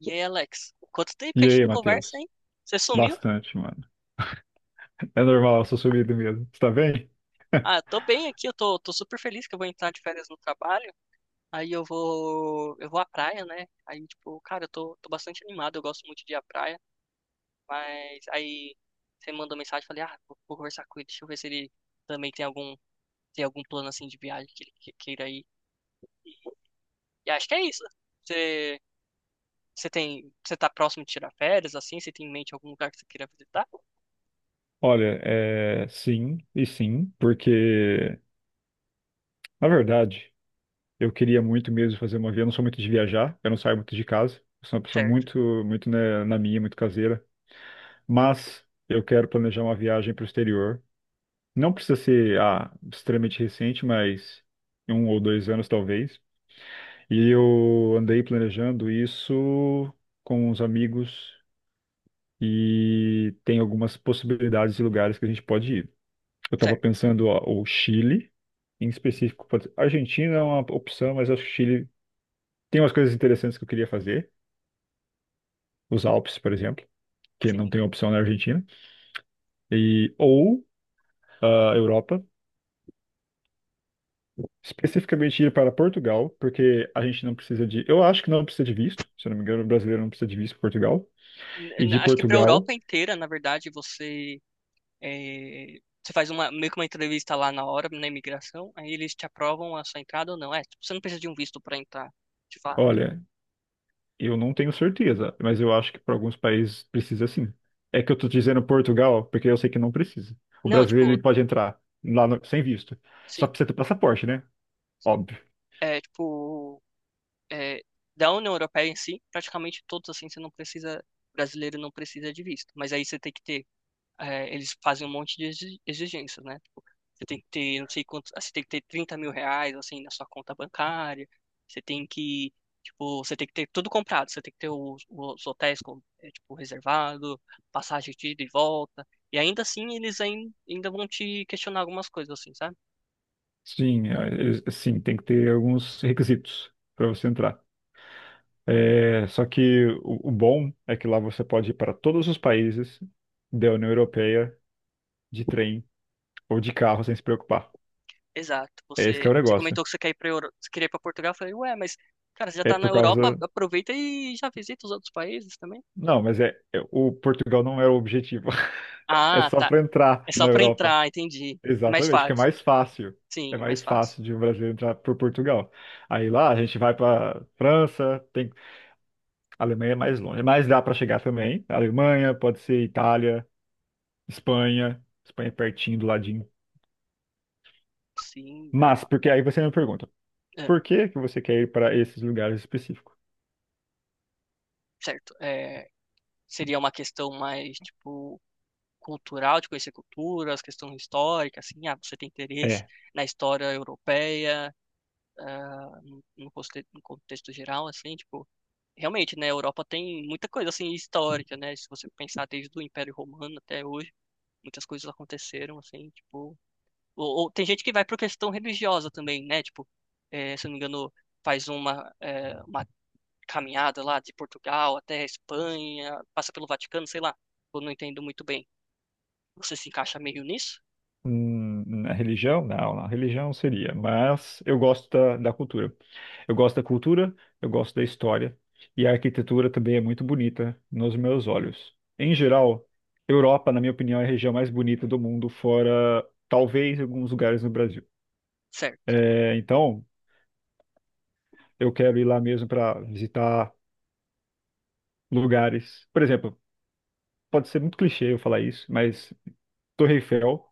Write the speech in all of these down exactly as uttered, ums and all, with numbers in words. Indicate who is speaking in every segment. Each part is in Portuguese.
Speaker 1: E aí, Alex, quanto tempo que a
Speaker 2: E
Speaker 1: gente
Speaker 2: aí,
Speaker 1: não conversa,
Speaker 2: Matheus?
Speaker 1: hein? Você sumiu?
Speaker 2: Bastante, mano. É normal, eu sou sumido mesmo. Você tá bem?
Speaker 1: Ah, tô bem aqui, eu tô, tô super feliz que eu vou entrar de férias no trabalho. Aí eu vou, eu vou à praia, né? Aí, tipo, cara, eu tô, tô bastante animado, eu gosto muito de ir à praia. Mas aí você mandou mensagem, falei, ah, vou, vou conversar com ele, deixa eu ver se ele também tem algum, tem algum plano assim de viagem que ele que- queira ir. E acho que é isso. Você, você tem, você tá próximo de tirar férias, assim? Você tem em mente algum lugar que você queira visitar?
Speaker 2: Olha, é sim e sim, porque, na verdade, eu queria muito mesmo fazer uma viagem. Eu não sou muito de viajar, eu não saio muito de casa. Eu sou uma pessoa
Speaker 1: Certo,
Speaker 2: muito, muito né, na minha, muito caseira. Mas eu quero planejar uma viagem para o exterior. Não precisa ser ah, extremamente recente, mas um ou dois anos talvez. E eu andei planejando isso com uns amigos e tem algumas possibilidades de lugares que a gente pode ir. Eu estava
Speaker 1: certo.
Speaker 2: pensando, ó, o Chile, em específico. pode- Argentina é uma opção, mas acho que o Chile tem umas coisas interessantes que eu queria fazer. Os Alpes, por exemplo, que não
Speaker 1: Sim.
Speaker 2: tem opção na Argentina. E, ou a Europa, especificamente ir para Portugal, porque a gente não precisa de. Eu acho que não precisa de visto, se eu não me engano, o brasileiro não precisa de visto para Portugal.
Speaker 1: N-
Speaker 2: E
Speaker 1: n-
Speaker 2: de
Speaker 1: Acho que para a
Speaker 2: Portugal.
Speaker 1: Europa inteira, na verdade, você é, você faz uma meio que uma entrevista lá na hora, na imigração, aí eles te aprovam a sua entrada ou não. É, tipo, você não precisa de um visto para entrar, de fato.
Speaker 2: Olha, eu não tenho certeza, mas eu acho que para alguns países precisa sim. É que eu tô dizendo Portugal, porque eu sei que não precisa. O
Speaker 1: Não,
Speaker 2: brasileiro
Speaker 1: tipo,
Speaker 2: ele pode entrar lá no- sem visto. Só
Speaker 1: sim,
Speaker 2: precisa ter passaporte, né?
Speaker 1: sim.
Speaker 2: Óbvio.
Speaker 1: É, tipo, é, da União Europeia em si, praticamente todos assim, você não precisa, brasileiro não precisa de visto, mas aí você tem que ter é, eles fazem um monte de exi- exigências, né? Tipo, você tem que ter, não sei quanto, ah, você tem que ter trinta mil reais, assim, na sua conta bancária, você tem que, tipo, você tem que ter tudo comprado, você tem que ter os, os hotéis, com- é, tipo, reservado, passagem de ida e volta, e ainda assim eles ain- ainda vão te questionar algumas coisas, assim, sabe?
Speaker 2: Sim, é- é- sim, tem que ter alguns requisitos para você entrar. É, só que o, o bom é que lá você pode ir para todos os países da União Europeia de trem ou de carro sem se preocupar.
Speaker 1: Exato,
Speaker 2: É esse que
Speaker 1: você,
Speaker 2: é o
Speaker 1: você
Speaker 2: negócio.
Speaker 1: comentou que você quer ir pra, Euro- você queria ir pra Portugal, eu falei, ué, mas, cara, você já
Speaker 2: É
Speaker 1: tá na
Speaker 2: por
Speaker 1: Europa,
Speaker 2: causa.
Speaker 1: aproveita e já visita os outros países também.
Speaker 2: Não, mas é, é- o Portugal não é o objetivo. É
Speaker 1: Ah,
Speaker 2: só
Speaker 1: tá,
Speaker 2: para
Speaker 1: é
Speaker 2: entrar
Speaker 1: só
Speaker 2: na
Speaker 1: pra
Speaker 2: Europa.
Speaker 1: entrar, entendi, é mais
Speaker 2: Exatamente, que é
Speaker 1: fácil.
Speaker 2: mais fácil. É
Speaker 1: Sim, é mais
Speaker 2: mais
Speaker 1: fácil.
Speaker 2: fácil de um brasileiro entrar por Portugal. Aí lá a gente vai para França, tem a Alemanha é mais longe, mas dá para chegar também. Alemanha, pode ser Itália, Espanha, Espanha é pertinho do ladinho.
Speaker 1: Sim,
Speaker 2: Mas
Speaker 1: dá.
Speaker 2: porque aí você me pergunta,
Speaker 1: É,
Speaker 2: por que que você quer ir para esses lugares específicos?
Speaker 1: certo. É, seria uma questão mais, tipo, cultural, de conhecer culturas, questão histórica, assim, ah, você tem interesse
Speaker 2: É.
Speaker 1: na história europeia, ah, no, no conte- no contexto geral, assim, tipo, realmente, né, a Europa tem muita coisa, assim, histórica, né, se você pensar desde o Império Romano até hoje, muitas coisas aconteceram, assim, tipo, ou, ou tem gente que vai por questão religiosa também, né, tipo, eh, se eu não me engano, faz uma, eh, uma caminhada lá de Portugal até a Espanha, passa pelo Vaticano, sei lá. Eu não entendo muito bem. Você se encaixa meio nisso?
Speaker 2: Hum, na religião? Não, na religião seria, mas eu gosto da, da cultura. Eu gosto da cultura, eu gosto da história, e a arquitetura também é muito bonita nos meus olhos. Em geral, Europa, na minha opinião, é a região mais bonita do mundo, fora talvez alguns lugares no Brasil.
Speaker 1: Certo.
Speaker 2: É, então, eu quero ir lá mesmo para visitar lugares. Por exemplo, pode ser muito clichê eu falar isso, mas Torre Eiffel,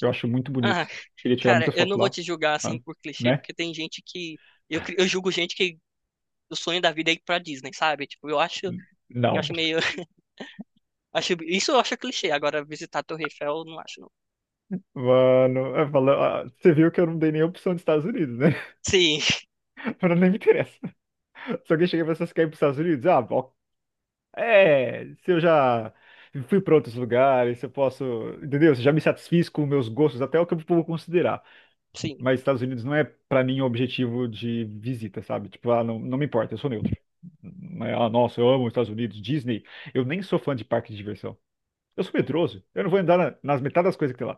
Speaker 2: eu acho muito
Speaker 1: Ah,
Speaker 2: bonito. Queria tirar
Speaker 1: cara,
Speaker 2: muita
Speaker 1: eu não
Speaker 2: foto
Speaker 1: vou
Speaker 2: lá,
Speaker 1: te julgar
Speaker 2: ah,
Speaker 1: assim por clichê,
Speaker 2: né?
Speaker 1: porque tem gente que. Eu, cri- eu julgo gente que o sonho da vida é ir pra Disney, sabe? Tipo, eu acho, eu
Speaker 2: Não.
Speaker 1: acho meio. Acho, isso eu acho clichê. Agora, visitar a Torre Eiffel, eu não acho, não.
Speaker 2: Mano, eu falo- ah, você viu que eu não dei nenhuma opção dos Estados Unidos, né?
Speaker 1: Sim,
Speaker 2: Pra nem me interessa. Se alguém chega e fala, "Você quer ir pros Estados Unidos? Ah, bom. É, se eu já fui pra outros lugares, se eu posso, entendeu? Se eu já me satisfiz com meus gostos, até o que eu vou considerar.
Speaker 1: sim,
Speaker 2: Mas Estados Unidos não é pra mim o objetivo de visita, sabe? Tipo, ah, não, não me importa, eu sou neutro. Não é, ah, nossa, eu amo os Estados Unidos, Disney. Eu nem sou fã de parque de diversão. Eu sou medroso. Eu não vou andar na- nas metades das coisas que tem lá.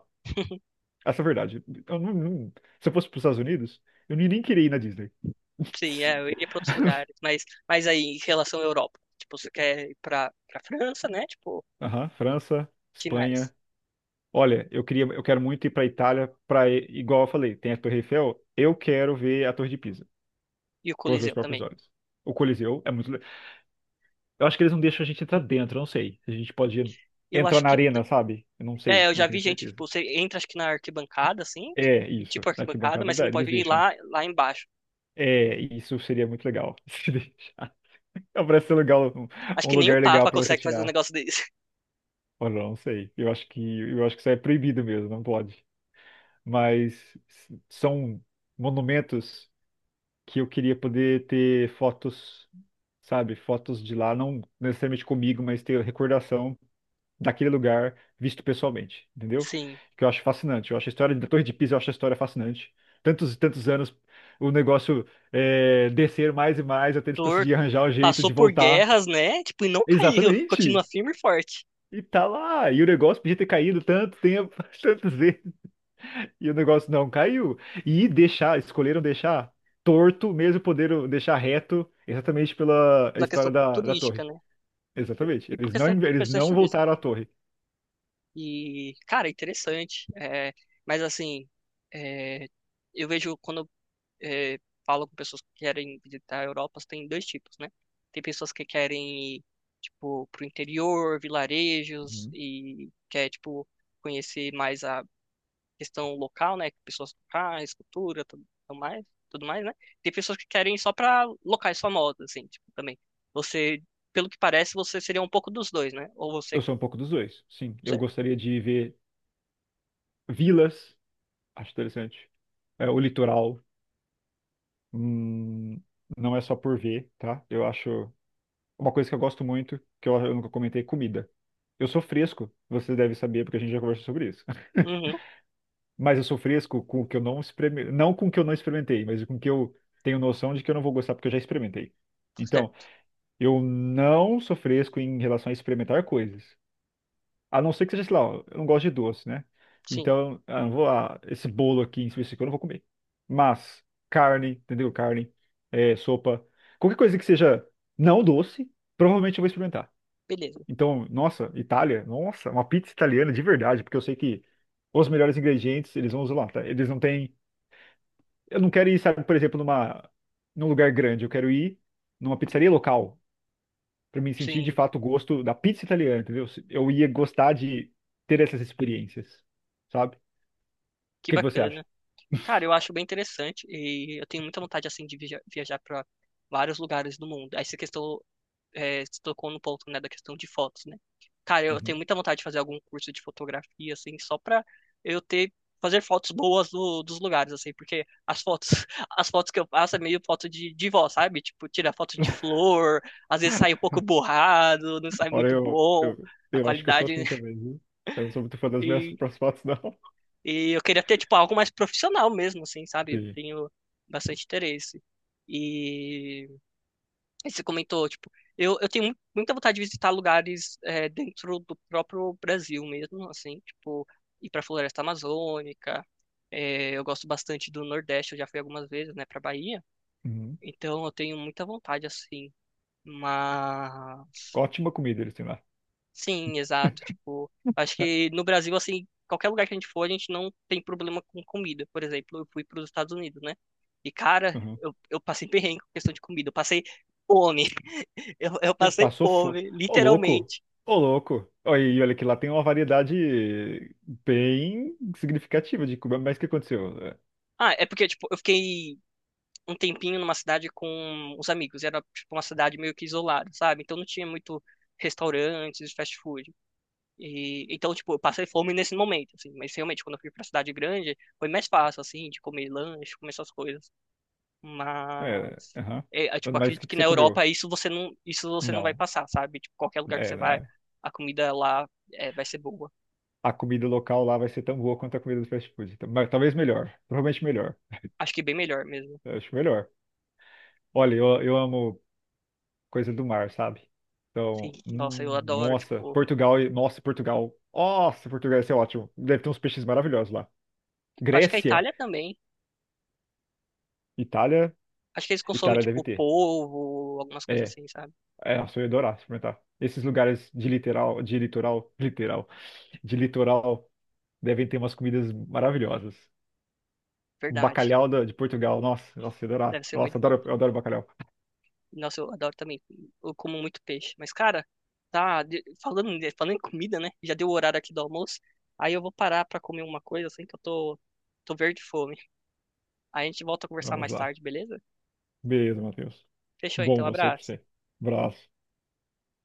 Speaker 2: Essa é a verdade. Eu não- não- Se eu fosse para os Estados Unidos, eu nem nem queria ir na Disney.
Speaker 1: sim, é, eu iria pra outros lugares. Mas, mas aí, em relação à Europa, tipo, você quer ir pra, pra França, né? Tipo,
Speaker 2: Aham, França,
Speaker 1: finais.
Speaker 2: Espanha. Olha, eu queria, eu quero muito ir para Itália, para igual eu falei, tem a Torre Eiffel. Eu quero ver a Torre de Pisa
Speaker 1: E o
Speaker 2: com os meus
Speaker 1: Coliseu
Speaker 2: próprios
Speaker 1: também.
Speaker 2: olhos. O Coliseu é muito. le- Eu acho que eles não deixam a gente entrar dentro. Eu Não sei. A gente pode
Speaker 1: Eu
Speaker 2: entrar
Speaker 1: acho
Speaker 2: na
Speaker 1: que
Speaker 2: arena, sabe? Eu não
Speaker 1: é,
Speaker 2: sei.
Speaker 1: eu
Speaker 2: Não
Speaker 1: já vi
Speaker 2: tenho
Speaker 1: gente,
Speaker 2: certeza.
Speaker 1: tipo, você entra acho que na arquibancada, assim,
Speaker 2: É isso.
Speaker 1: tipo
Speaker 2: Na
Speaker 1: arquibancada,
Speaker 2: arquibancada
Speaker 1: mas você
Speaker 2: da,
Speaker 1: não pode
Speaker 2: eles
Speaker 1: ir
Speaker 2: deixam.
Speaker 1: lá, lá embaixo.
Speaker 2: É, isso seria muito legal. Se deixar. Parece ser legal, um
Speaker 1: Acho
Speaker 2: um
Speaker 1: que nem o
Speaker 2: lugar legal
Speaker 1: Papa
Speaker 2: para você
Speaker 1: consegue fazer um
Speaker 2: tirar.
Speaker 1: negócio desse.
Speaker 2: Olha, eu não sei. Eu acho que eu acho que isso é proibido mesmo, não pode. Mas s- são monumentos que eu queria poder ter fotos, sabe, fotos de lá, não necessariamente comigo, mas ter recordação daquele lugar visto pessoalmente, entendeu?
Speaker 1: Sim,
Speaker 2: Que eu acho fascinante. Eu acho a história da Torre de Pisa, eu acho a história fascinante. Tantos e tantos anos o negócio é, descer mais e mais até eles conseguirem
Speaker 1: torto.
Speaker 2: arranjar o jeito
Speaker 1: Passou
Speaker 2: de
Speaker 1: por
Speaker 2: voltar.
Speaker 1: guerras, né? Tipo, e não caiu. Continua
Speaker 2: Exatamente.
Speaker 1: firme e forte.
Speaker 2: E tá lá, e o negócio podia ter caído tanto tempo, tantas vezes, e o negócio não caiu. E deixar, escolheram deixar torto, mesmo poderam deixar reto, exatamente pela
Speaker 1: Pela
Speaker 2: história
Speaker 1: questão
Speaker 2: da, da
Speaker 1: turística,
Speaker 2: torre.
Speaker 1: né?
Speaker 2: Exatamente.
Speaker 1: E por
Speaker 2: Eles não,
Speaker 1: questão,
Speaker 2: eles
Speaker 1: questões
Speaker 2: não voltaram à
Speaker 1: turísticas.
Speaker 2: torre.
Speaker 1: E, cara, interessante. É, mas assim, é, eu vejo quando eh, falo com pessoas que querem visitar a Europa, tem dois tipos, né? Tem pessoas que querem ir, tipo, pro interior, vilarejos,
Speaker 2: Uhum.
Speaker 1: e quer, tipo, conhecer mais a questão local, né? Pessoas locais, cultura, tudo tudo mais, tudo mais, né? Tem pessoas que querem ir só pra locais famosos, assim, tipo, também. Você, pelo que parece, você seria um pouco dos dois, né? Ou
Speaker 2: Eu
Speaker 1: você,
Speaker 2: sou um pouco dos dois, sim. Eu
Speaker 1: certo.
Speaker 2: gostaria de ver vilas, acho interessante. É, o litoral, hum, não é só por ver, tá? Eu acho uma coisa que eu gosto muito, que eu, eu nunca comentei, é comida. Eu sou fresco, você deve saber, porque a gente já conversou sobre isso.
Speaker 1: Uhum,
Speaker 2: Mas eu sou fresco com o que eu não experimentei, não com o que eu não experimentei, mas com o que eu tenho noção de que eu não vou gostar porque eu já experimentei. Então,
Speaker 1: certo.
Speaker 2: eu não sou fresco em relação a experimentar coisas. A não ser que seja, sei lá, eu não gosto de doce, né?
Speaker 1: Sim,
Speaker 2: Então, ah, não vou lá, esse bolo aqui em específico eu não vou comer. Mas, carne, entendeu? Carne, é, sopa, qualquer coisa que seja não doce, provavelmente eu vou experimentar.
Speaker 1: beleza.
Speaker 2: Então, nossa, Itália, nossa, uma pizza italiana de verdade, porque eu sei que os melhores ingredientes eles vão usar lá, tá? Eles não têm. Eu não quero ir, sabe, por exemplo, numa, num lugar grande, eu quero ir numa pizzaria local para me sentir de
Speaker 1: Sim,
Speaker 2: fato o gosto da pizza italiana, entendeu? Eu ia gostar de ter essas experiências, sabe? O
Speaker 1: que
Speaker 2: que que você acha?
Speaker 1: bacana. Cara, eu acho bem interessante e eu tenho muita vontade, assim, de viaja- viajar para vários lugares do mundo. Aí você questão, é, você tocou no ponto, né, da questão de fotos, né? Cara, eu tenho
Speaker 2: Uhum.
Speaker 1: muita vontade de fazer algum curso de fotografia, assim, só pra eu ter, fazer fotos boas do- dos lugares, assim, porque as fotos, as fotos que eu faço é meio foto de, de vó, sabe? Tipo, tira foto de flor, às vezes sai um pouco borrado, não sai
Speaker 2: Ora,
Speaker 1: muito
Speaker 2: eu,
Speaker 1: bom
Speaker 2: eu,
Speaker 1: a
Speaker 2: eu acho que eu sou
Speaker 1: qualidade.
Speaker 2: assim também, viu? Eu não sou muito fã das minhas próprias fotos, não.
Speaker 1: E eu queria ter, tipo, algo mais profissional mesmo, assim, sabe? Eu
Speaker 2: Sim.
Speaker 1: tenho bastante interesse. E e você comentou, tipo, eu, eu tenho mu- muita vontade de visitar lugares é, dentro do próprio Brasil mesmo, assim, tipo, ir pra Floresta Amazônica. É, eu gosto bastante do Nordeste, eu já fui algumas vezes, né, pra Bahia.
Speaker 2: Uhum.
Speaker 1: Então eu tenho muita vontade, assim. Mas.
Speaker 2: Ótima comida eles têm lá.
Speaker 1: Sim, exato. Tipo, acho que no Brasil, assim, qualquer lugar que a gente for, a gente não tem problema com comida. Por exemplo, eu fui para os Estados Unidos, né? E, cara,
Speaker 2: Uhum.
Speaker 1: eu, eu passei perrengue com questão de comida. Eu passei fome. Eu, eu
Speaker 2: Eu-
Speaker 1: passei
Speaker 2: Passou fome.
Speaker 1: fome,
Speaker 2: Ô, louco!
Speaker 1: literalmente.
Speaker 2: Ô, louco! Olha, e olha que lá tem uma variedade bem significativa de comida, mas o que aconteceu?
Speaker 1: Ah, é porque, tipo, eu fiquei um tempinho numa cidade com os amigos. Era, tipo, uma cidade meio que isolada, sabe? Então não tinha muito restaurantes, fast food. E, então, tipo, eu passei fome nesse momento, assim. Mas realmente, quando eu fui pra cidade grande, foi mais fácil, assim, de comer lanche, comer essas coisas.
Speaker 2: É,
Speaker 1: Mas
Speaker 2: aham.
Speaker 1: é, é, tipo,
Speaker 2: Mas o
Speaker 1: acredito
Speaker 2: que
Speaker 1: que
Speaker 2: que
Speaker 1: na
Speaker 2: você comeu?
Speaker 1: Europa isso você não, isso você não vai
Speaker 2: Não.
Speaker 1: passar, sabe? Tipo, qualquer lugar que você
Speaker 2: É, não
Speaker 1: vai,
Speaker 2: é.
Speaker 1: a comida lá é, vai ser boa.
Speaker 2: A comida local lá vai ser tão boa quanto a comida do fast food. Então, mas talvez melhor. Provavelmente melhor.
Speaker 1: Acho que bem melhor mesmo.
Speaker 2: Eu acho melhor. Olha, eu, eu amo coisa do mar, sabe?
Speaker 1: Sim,
Speaker 2: Então,
Speaker 1: nossa, eu
Speaker 2: hum,
Speaker 1: adoro,
Speaker 2: nossa,
Speaker 1: tipo,
Speaker 2: Portugal, e- nossa, Portugal. Nossa, Portugal, isso é ótimo. Deve ter uns peixes maravilhosos lá.
Speaker 1: acho que a
Speaker 2: Grécia,
Speaker 1: Itália também.
Speaker 2: Itália,
Speaker 1: Acho que eles consomem
Speaker 2: Itália deve
Speaker 1: tipo
Speaker 2: ter.
Speaker 1: polvo, algumas coisas
Speaker 2: É,
Speaker 1: assim, sabe?
Speaker 2: é, nossa, eu ia adorar experimentar. Esses lugares de literal, de litoral, literal, de litoral, devem ter umas comidas maravilhosas.
Speaker 1: Verdade.
Speaker 2: Bacalhau da- de Portugal. Nossa, nossa, eu adoro,
Speaker 1: Deve ser
Speaker 2: nossa,
Speaker 1: muito
Speaker 2: eu
Speaker 1: bom.
Speaker 2: adoro, eu adoro bacalhau.
Speaker 1: Nossa, eu adoro também. Eu como muito peixe. Mas, cara, tá de- falando, falando em comida, né? Já deu o horário aqui do almoço. Aí eu vou parar pra comer uma coisa assim que eu tô, tô verde de fome. A gente volta a conversar
Speaker 2: Vamos
Speaker 1: mais
Speaker 2: lá.
Speaker 1: tarde, beleza?
Speaker 2: Beleza, Matheus.
Speaker 1: Fechou
Speaker 2: Bom
Speaker 1: então,
Speaker 2: você, pra
Speaker 1: abraço.
Speaker 2: você. Abraço.